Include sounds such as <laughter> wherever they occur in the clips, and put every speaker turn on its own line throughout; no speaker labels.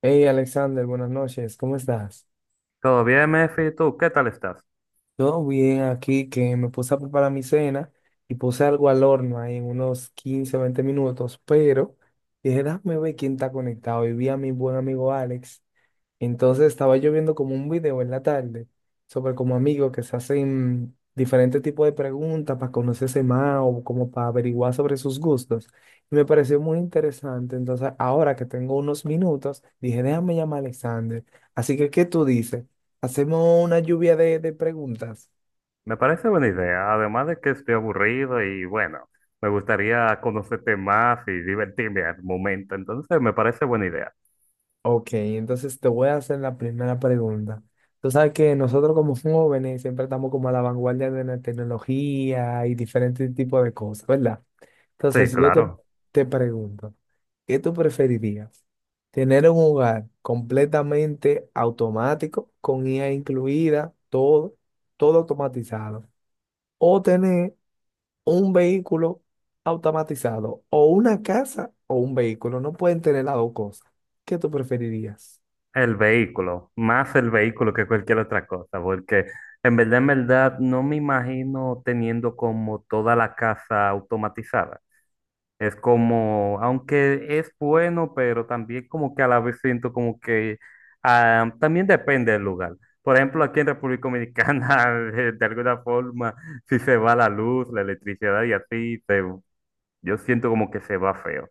Hey Alexander, buenas noches, ¿cómo estás?
Todo bien, Mefi, ¿tú qué tal estás?
Todo bien aquí, que me puse a preparar mi cena y puse algo al horno ahí en unos 15, 20 minutos, pero dije, déjame ver quién está conectado y vi a mi buen amigo Alex. Entonces estaba yo viendo como un video en la tarde sobre como amigos que se hacen diferentes tipos de preguntas para conocerse más o como para averiguar sobre sus gustos. Y me pareció muy interesante. Entonces ahora que tengo unos minutos, dije, déjame llamar a Alexander. Así que, ¿qué tú dices? ¿Hacemos una lluvia de preguntas?
Me parece buena idea, además de que estoy aburrido y bueno, me gustaría conocerte más y divertirme al momento, entonces me parece buena idea.
Ok, entonces te voy a hacer la primera pregunta. Tú sabes que nosotros como jóvenes siempre estamos como a la vanguardia de la tecnología y diferentes tipos de cosas, ¿verdad? Entonces,
Sí,
si yo te,
claro,
te pregunto, ¿qué tú preferirías? ¿Tener un hogar completamente automático, con IA incluida, todo automatizado? ¿O tener un vehículo automatizado? ¿O una casa o un vehículo? No pueden tener las dos cosas. ¿Qué tú preferirías?
el vehículo, más el vehículo que cualquier otra cosa, porque en verdad, no me imagino teniendo como toda la casa automatizada. Es como, aunque es bueno, pero también como que a la vez siento como que también depende del lugar. Por ejemplo, aquí en República Dominicana, <laughs> de alguna forma, si se va la luz, la electricidad y así, se, yo siento como que se va feo.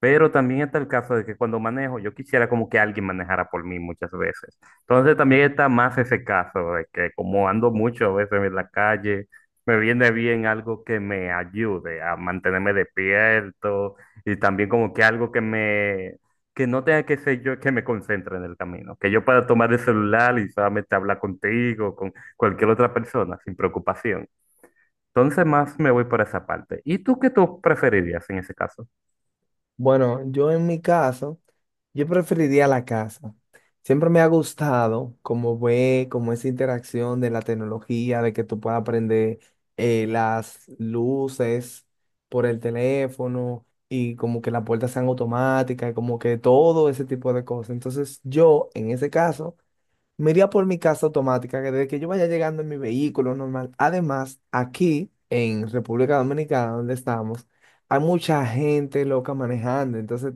Pero también está el caso de que cuando manejo, yo quisiera como que alguien manejara por mí muchas veces. Entonces también está más ese caso de que como ando mucho a veces en la calle, me viene bien algo que me ayude a mantenerme despierto y también como que algo que me, que no tenga que ser yo que me concentre en el camino, que yo pueda tomar el celular y solamente hablar contigo, con cualquier otra persona sin preocupación. Entonces más me voy por esa parte. ¿Y tú qué tú preferirías en ese caso?
Bueno, yo en mi caso... Yo preferiría la casa. Siempre me ha gustado como ve, como esa interacción de la tecnología, de que tú puedas aprender las luces por el teléfono y como que las puertas sean automáticas, y como que todo ese tipo de cosas. Entonces yo, en ese caso, me iría por mi casa automática, que desde que yo vaya llegando en mi vehículo normal. Además, aquí en República Dominicana, donde estamos, hay mucha gente loca manejando. Entonces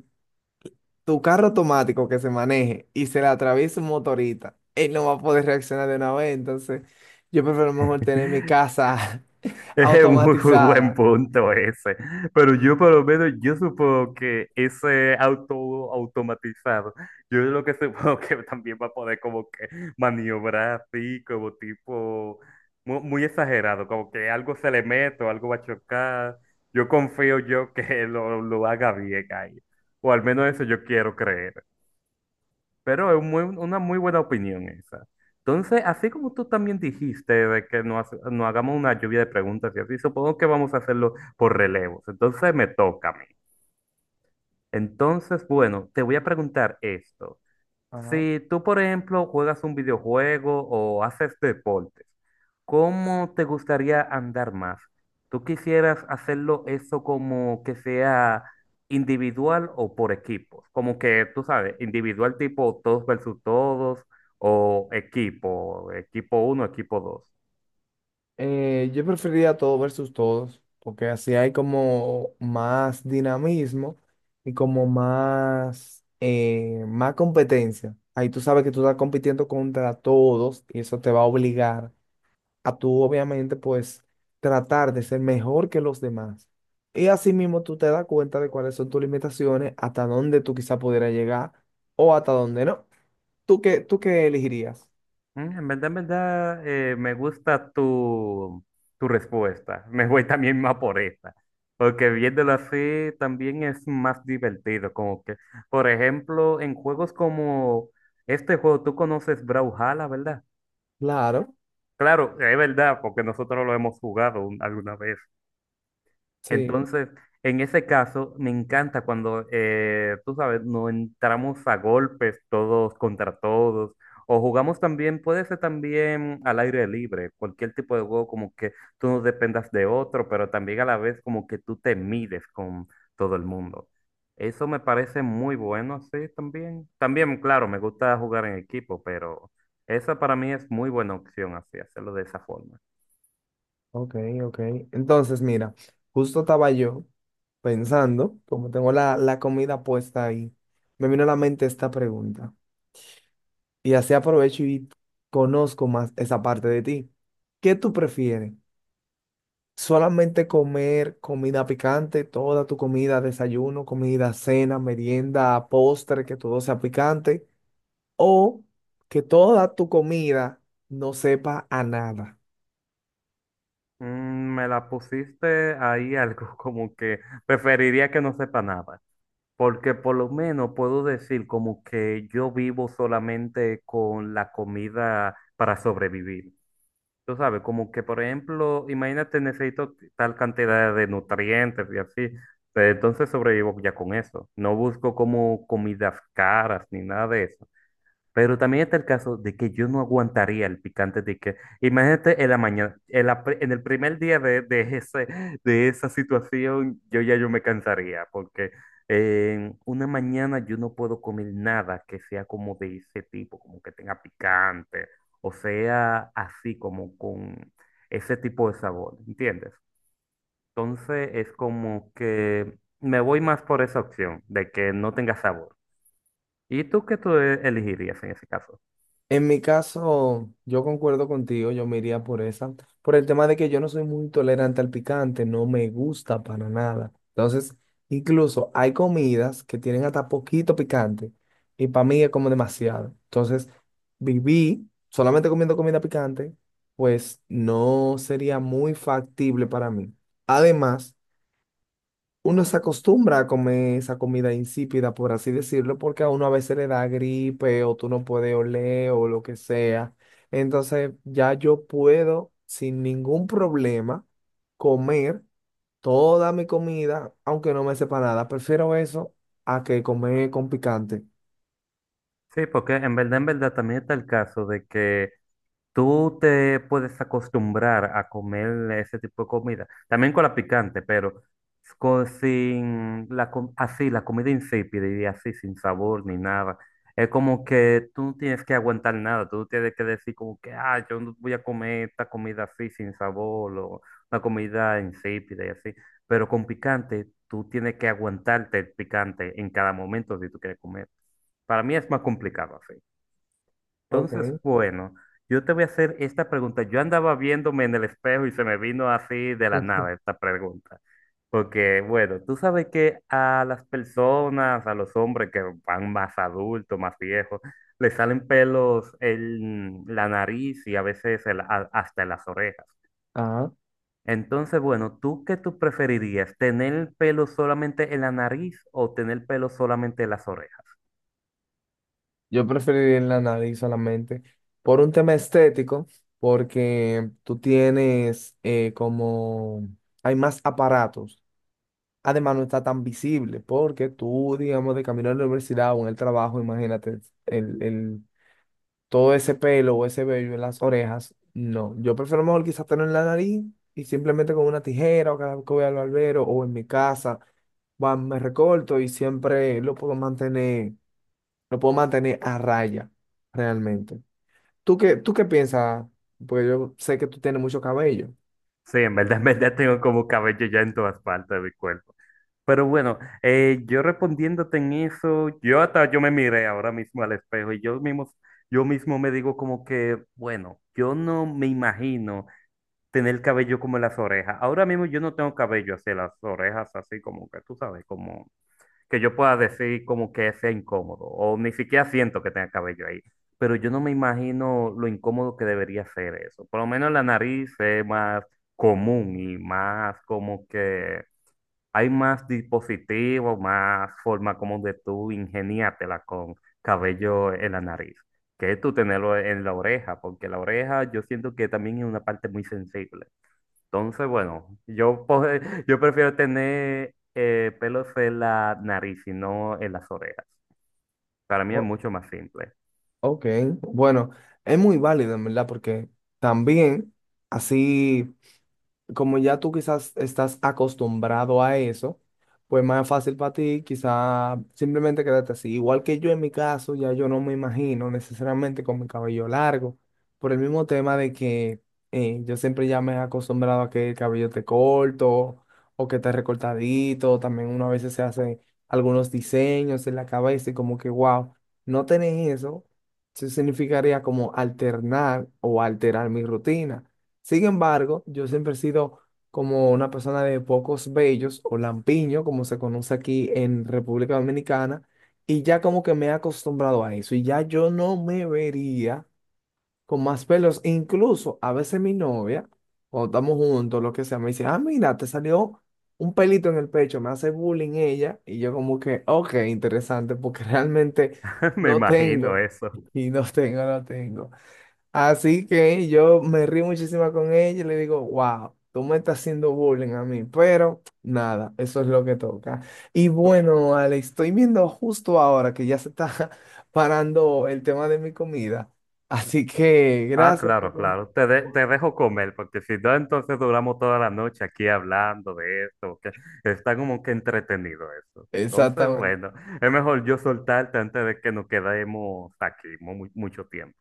tu carro automático que se maneje y se le atraviesa un motorista, él no va a poder reaccionar de una vez. Entonces, yo prefiero mejor tener mi
<laughs>
casa <laughs>
Es un muy, muy buen
automatizada.
punto ese. Pero yo por lo menos, yo supongo que ese auto automatizado, yo lo que <laughs> supongo que también va a poder como que maniobrar así, como tipo, muy exagerado, como que algo se le mete o algo va a chocar. Yo confío yo que <laughs> lo haga bien ahí. O al menos eso yo quiero creer. Pero es una muy buena opinión esa. Entonces, así como tú también dijiste de que nos hagamos una lluvia de preguntas y así, supongo que vamos a hacerlo por relevos. Entonces, me toca a mí. Entonces, bueno, te voy a preguntar esto.
Ajá.
Si tú, por ejemplo, juegas un videojuego o haces deportes, ¿cómo te gustaría andar más? ¿Tú quisieras hacerlo eso como que sea individual o por equipos? Como que, tú sabes, individual tipo todos versus todos o equipo, equipo uno, equipo dos.
Yo preferiría todo versus todos, porque así hay como más dinamismo y como más, más competencia. Ahí tú sabes que tú estás compitiendo contra todos y eso te va a obligar a tú obviamente pues tratar de ser mejor que los demás. Y así mismo tú te das cuenta de cuáles son tus limitaciones, hasta dónde tú quizá pudieras llegar o hasta dónde no. ¿Tú qué elegirías?
En verdad, me gusta tu respuesta. Me voy también más por esta. Porque viéndolo así también es más divertido. Como que, por ejemplo, en juegos como este juego, tú conoces Brawlhalla, ¿verdad?
Claro,
Claro, es verdad, porque nosotros lo hemos jugado alguna vez.
sí,
Entonces, en ese caso, me encanta cuando, tú sabes, nos entramos a golpes todos contra todos, o jugamos también, puede ser también al aire libre, cualquier tipo de juego como que tú no dependas de otro, pero también a la vez como que tú te mides con todo el mundo. Eso me parece muy bueno, sí, también. También, claro, me gusta jugar en equipo, pero esa para mí es muy buena opción, así, hacerlo de esa forma.
ok, ok. Entonces, mira, justo estaba yo pensando, como tengo la comida puesta ahí, me vino a la mente esta pregunta. Y así aprovecho y conozco más esa parte de ti. ¿Qué tú prefieres? Solamente comer comida picante, toda tu comida, desayuno, comida, cena, merienda, postre, que todo sea picante, o que toda tu comida no sepa a nada.
Me la pusiste ahí algo <laughs> como que preferiría que no sepa nada, porque por lo menos puedo decir como que yo vivo solamente con la comida para sobrevivir. Tú sabes, como que por ejemplo, imagínate, necesito tal cantidad de nutrientes y así, pues, entonces sobrevivo ya con eso. No busco como comidas caras ni nada de eso. Pero también está el caso de que yo no aguantaría el picante de que, imagínate en la mañana, en, en el primer día de ese, de esa situación, yo ya yo me cansaría, porque en una mañana yo no puedo comer nada que sea como de ese tipo, como que tenga picante, o sea, así como con ese tipo de sabor, ¿entiendes? Entonces es como que me voy más por esa opción de que no tenga sabor. ¿Y tú qué tú elegirías en ese caso?
En mi caso, yo concuerdo contigo, yo me iría por esa, por el tema de que yo no soy muy tolerante al picante, no me gusta para nada. Entonces, incluso hay comidas que tienen hasta poquito picante y para mí es como demasiado. Entonces, viví solamente comiendo comida picante, pues no sería muy factible para mí. Además, uno se acostumbra a comer esa comida insípida, por así decirlo, porque a uno a veces le da gripe o tú no puedes oler o lo que sea. Entonces ya yo puedo sin ningún problema comer toda mi comida, aunque no me sepa nada. Prefiero eso a que comer con picante.
Sí, porque en verdad también está el caso de que tú te puedes acostumbrar a comer ese tipo de comida, también con la picante, pero sin así, la comida insípida y así, sin sabor ni nada. Es como que tú no tienes que aguantar nada, tú no tienes que decir como que, ah, yo no voy a comer esta comida así, sin sabor, o una comida insípida y así. Pero con picante, tú tienes que aguantarte el picante en cada momento si tú quieres comer. Para mí es más complicado así.
Ok.
Entonces,
<laughs>
bueno, yo te voy a hacer esta pregunta. Yo andaba viéndome en el espejo y se me vino así de la
Ujú.
nada esta pregunta. Porque, bueno, tú sabes que a las personas, a los hombres que van más adultos, más viejos, les salen pelos en la nariz y a veces en hasta en las orejas.
Ajá.
Entonces, bueno, ¿tú qué tú preferirías? ¿Tener pelo solamente en la nariz o tener pelo solamente en las orejas?
Yo preferiría en la nariz solamente por un tema estético, porque tú tienes hay más aparatos. Además, no está tan visible porque tú, digamos, de camino a la universidad o en el trabajo, imagínate, el, el- todo ese pelo o ese vello en las orejas, no. Yo prefiero mejor quizás tenerlo en la nariz y simplemente con una tijera o cada vez que voy al barbero o en mi casa, va, me recorto y siempre lo puedo mantener a raya, realmente. ¿Tú qué piensas? Porque yo sé que tú tienes mucho cabello.
Sí, en verdad tengo como cabello ya en todas partes de mi cuerpo. Pero bueno, yo respondiéndote en eso, yo hasta yo me miré ahora mismo al espejo y yo mismo me digo como que, bueno, yo no me imagino tener cabello como en las orejas. Ahora mismo yo no tengo cabello hacia las orejas, así como que tú sabes, como que yo pueda decir como que sea incómodo o ni siquiera siento que tenga cabello ahí. Pero yo no me imagino lo incómodo que debería ser eso. Por lo menos la nariz es más común y más como que hay más dispositivos, más forma como de tú ingeniártela con cabello en la nariz, que tú tenerlo en la oreja, porque la oreja yo siento que también es una parte muy sensible. Entonces, bueno, <laughs> yo prefiero tener pelos en la nariz y no en las orejas. Para mí es mucho más simple.
Ok, bueno, es muy válido en verdad porque también así como ya tú quizás estás acostumbrado a eso, pues más fácil para ti quizás simplemente quedarte así. Igual que yo en mi caso, ya yo no me imagino necesariamente con mi cabello largo, por el mismo tema de que yo siempre ya me he acostumbrado a que el cabello te corto o que te recortadito, también uno a veces se hace algunos diseños en la cabeza y como que, wow, no tener eso, eso significaría como alternar o alterar mi rutina. Sin embargo, yo siempre he sido como una persona de pocos vellos o lampiño, como se conoce aquí en República Dominicana, y ya como que me he acostumbrado a eso y ya yo no me vería con más pelos. Incluso a veces mi novia, cuando estamos juntos, lo que sea, me dice, ah, mira, te salió un pelito en el pecho, me hace bullying ella y yo como que, ok, interesante, porque <laughs> realmente
<laughs> Me
no
imagino
tengo
eso.
y no tengo. Así que yo me río muchísimo con ella y le digo, wow, tú me estás haciendo bullying a mí, pero nada, eso es lo que toca. Y bueno, Ale, estoy viendo justo ahora que ya se está <laughs> parando el tema de mi comida. Así que
Ah,
gracias por...
claro,
con-
claro. Te dejo comer, porque si no, entonces duramos toda la noche aquí hablando de esto, que está como que entretenido eso. Entonces,
Exactamente.
bueno, es mejor yo soltarte antes de que nos quedemos aquí mucho tiempo.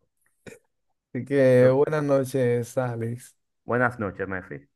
Así que
Entonces,
buenas noches, Alex.
buenas noches, Messi.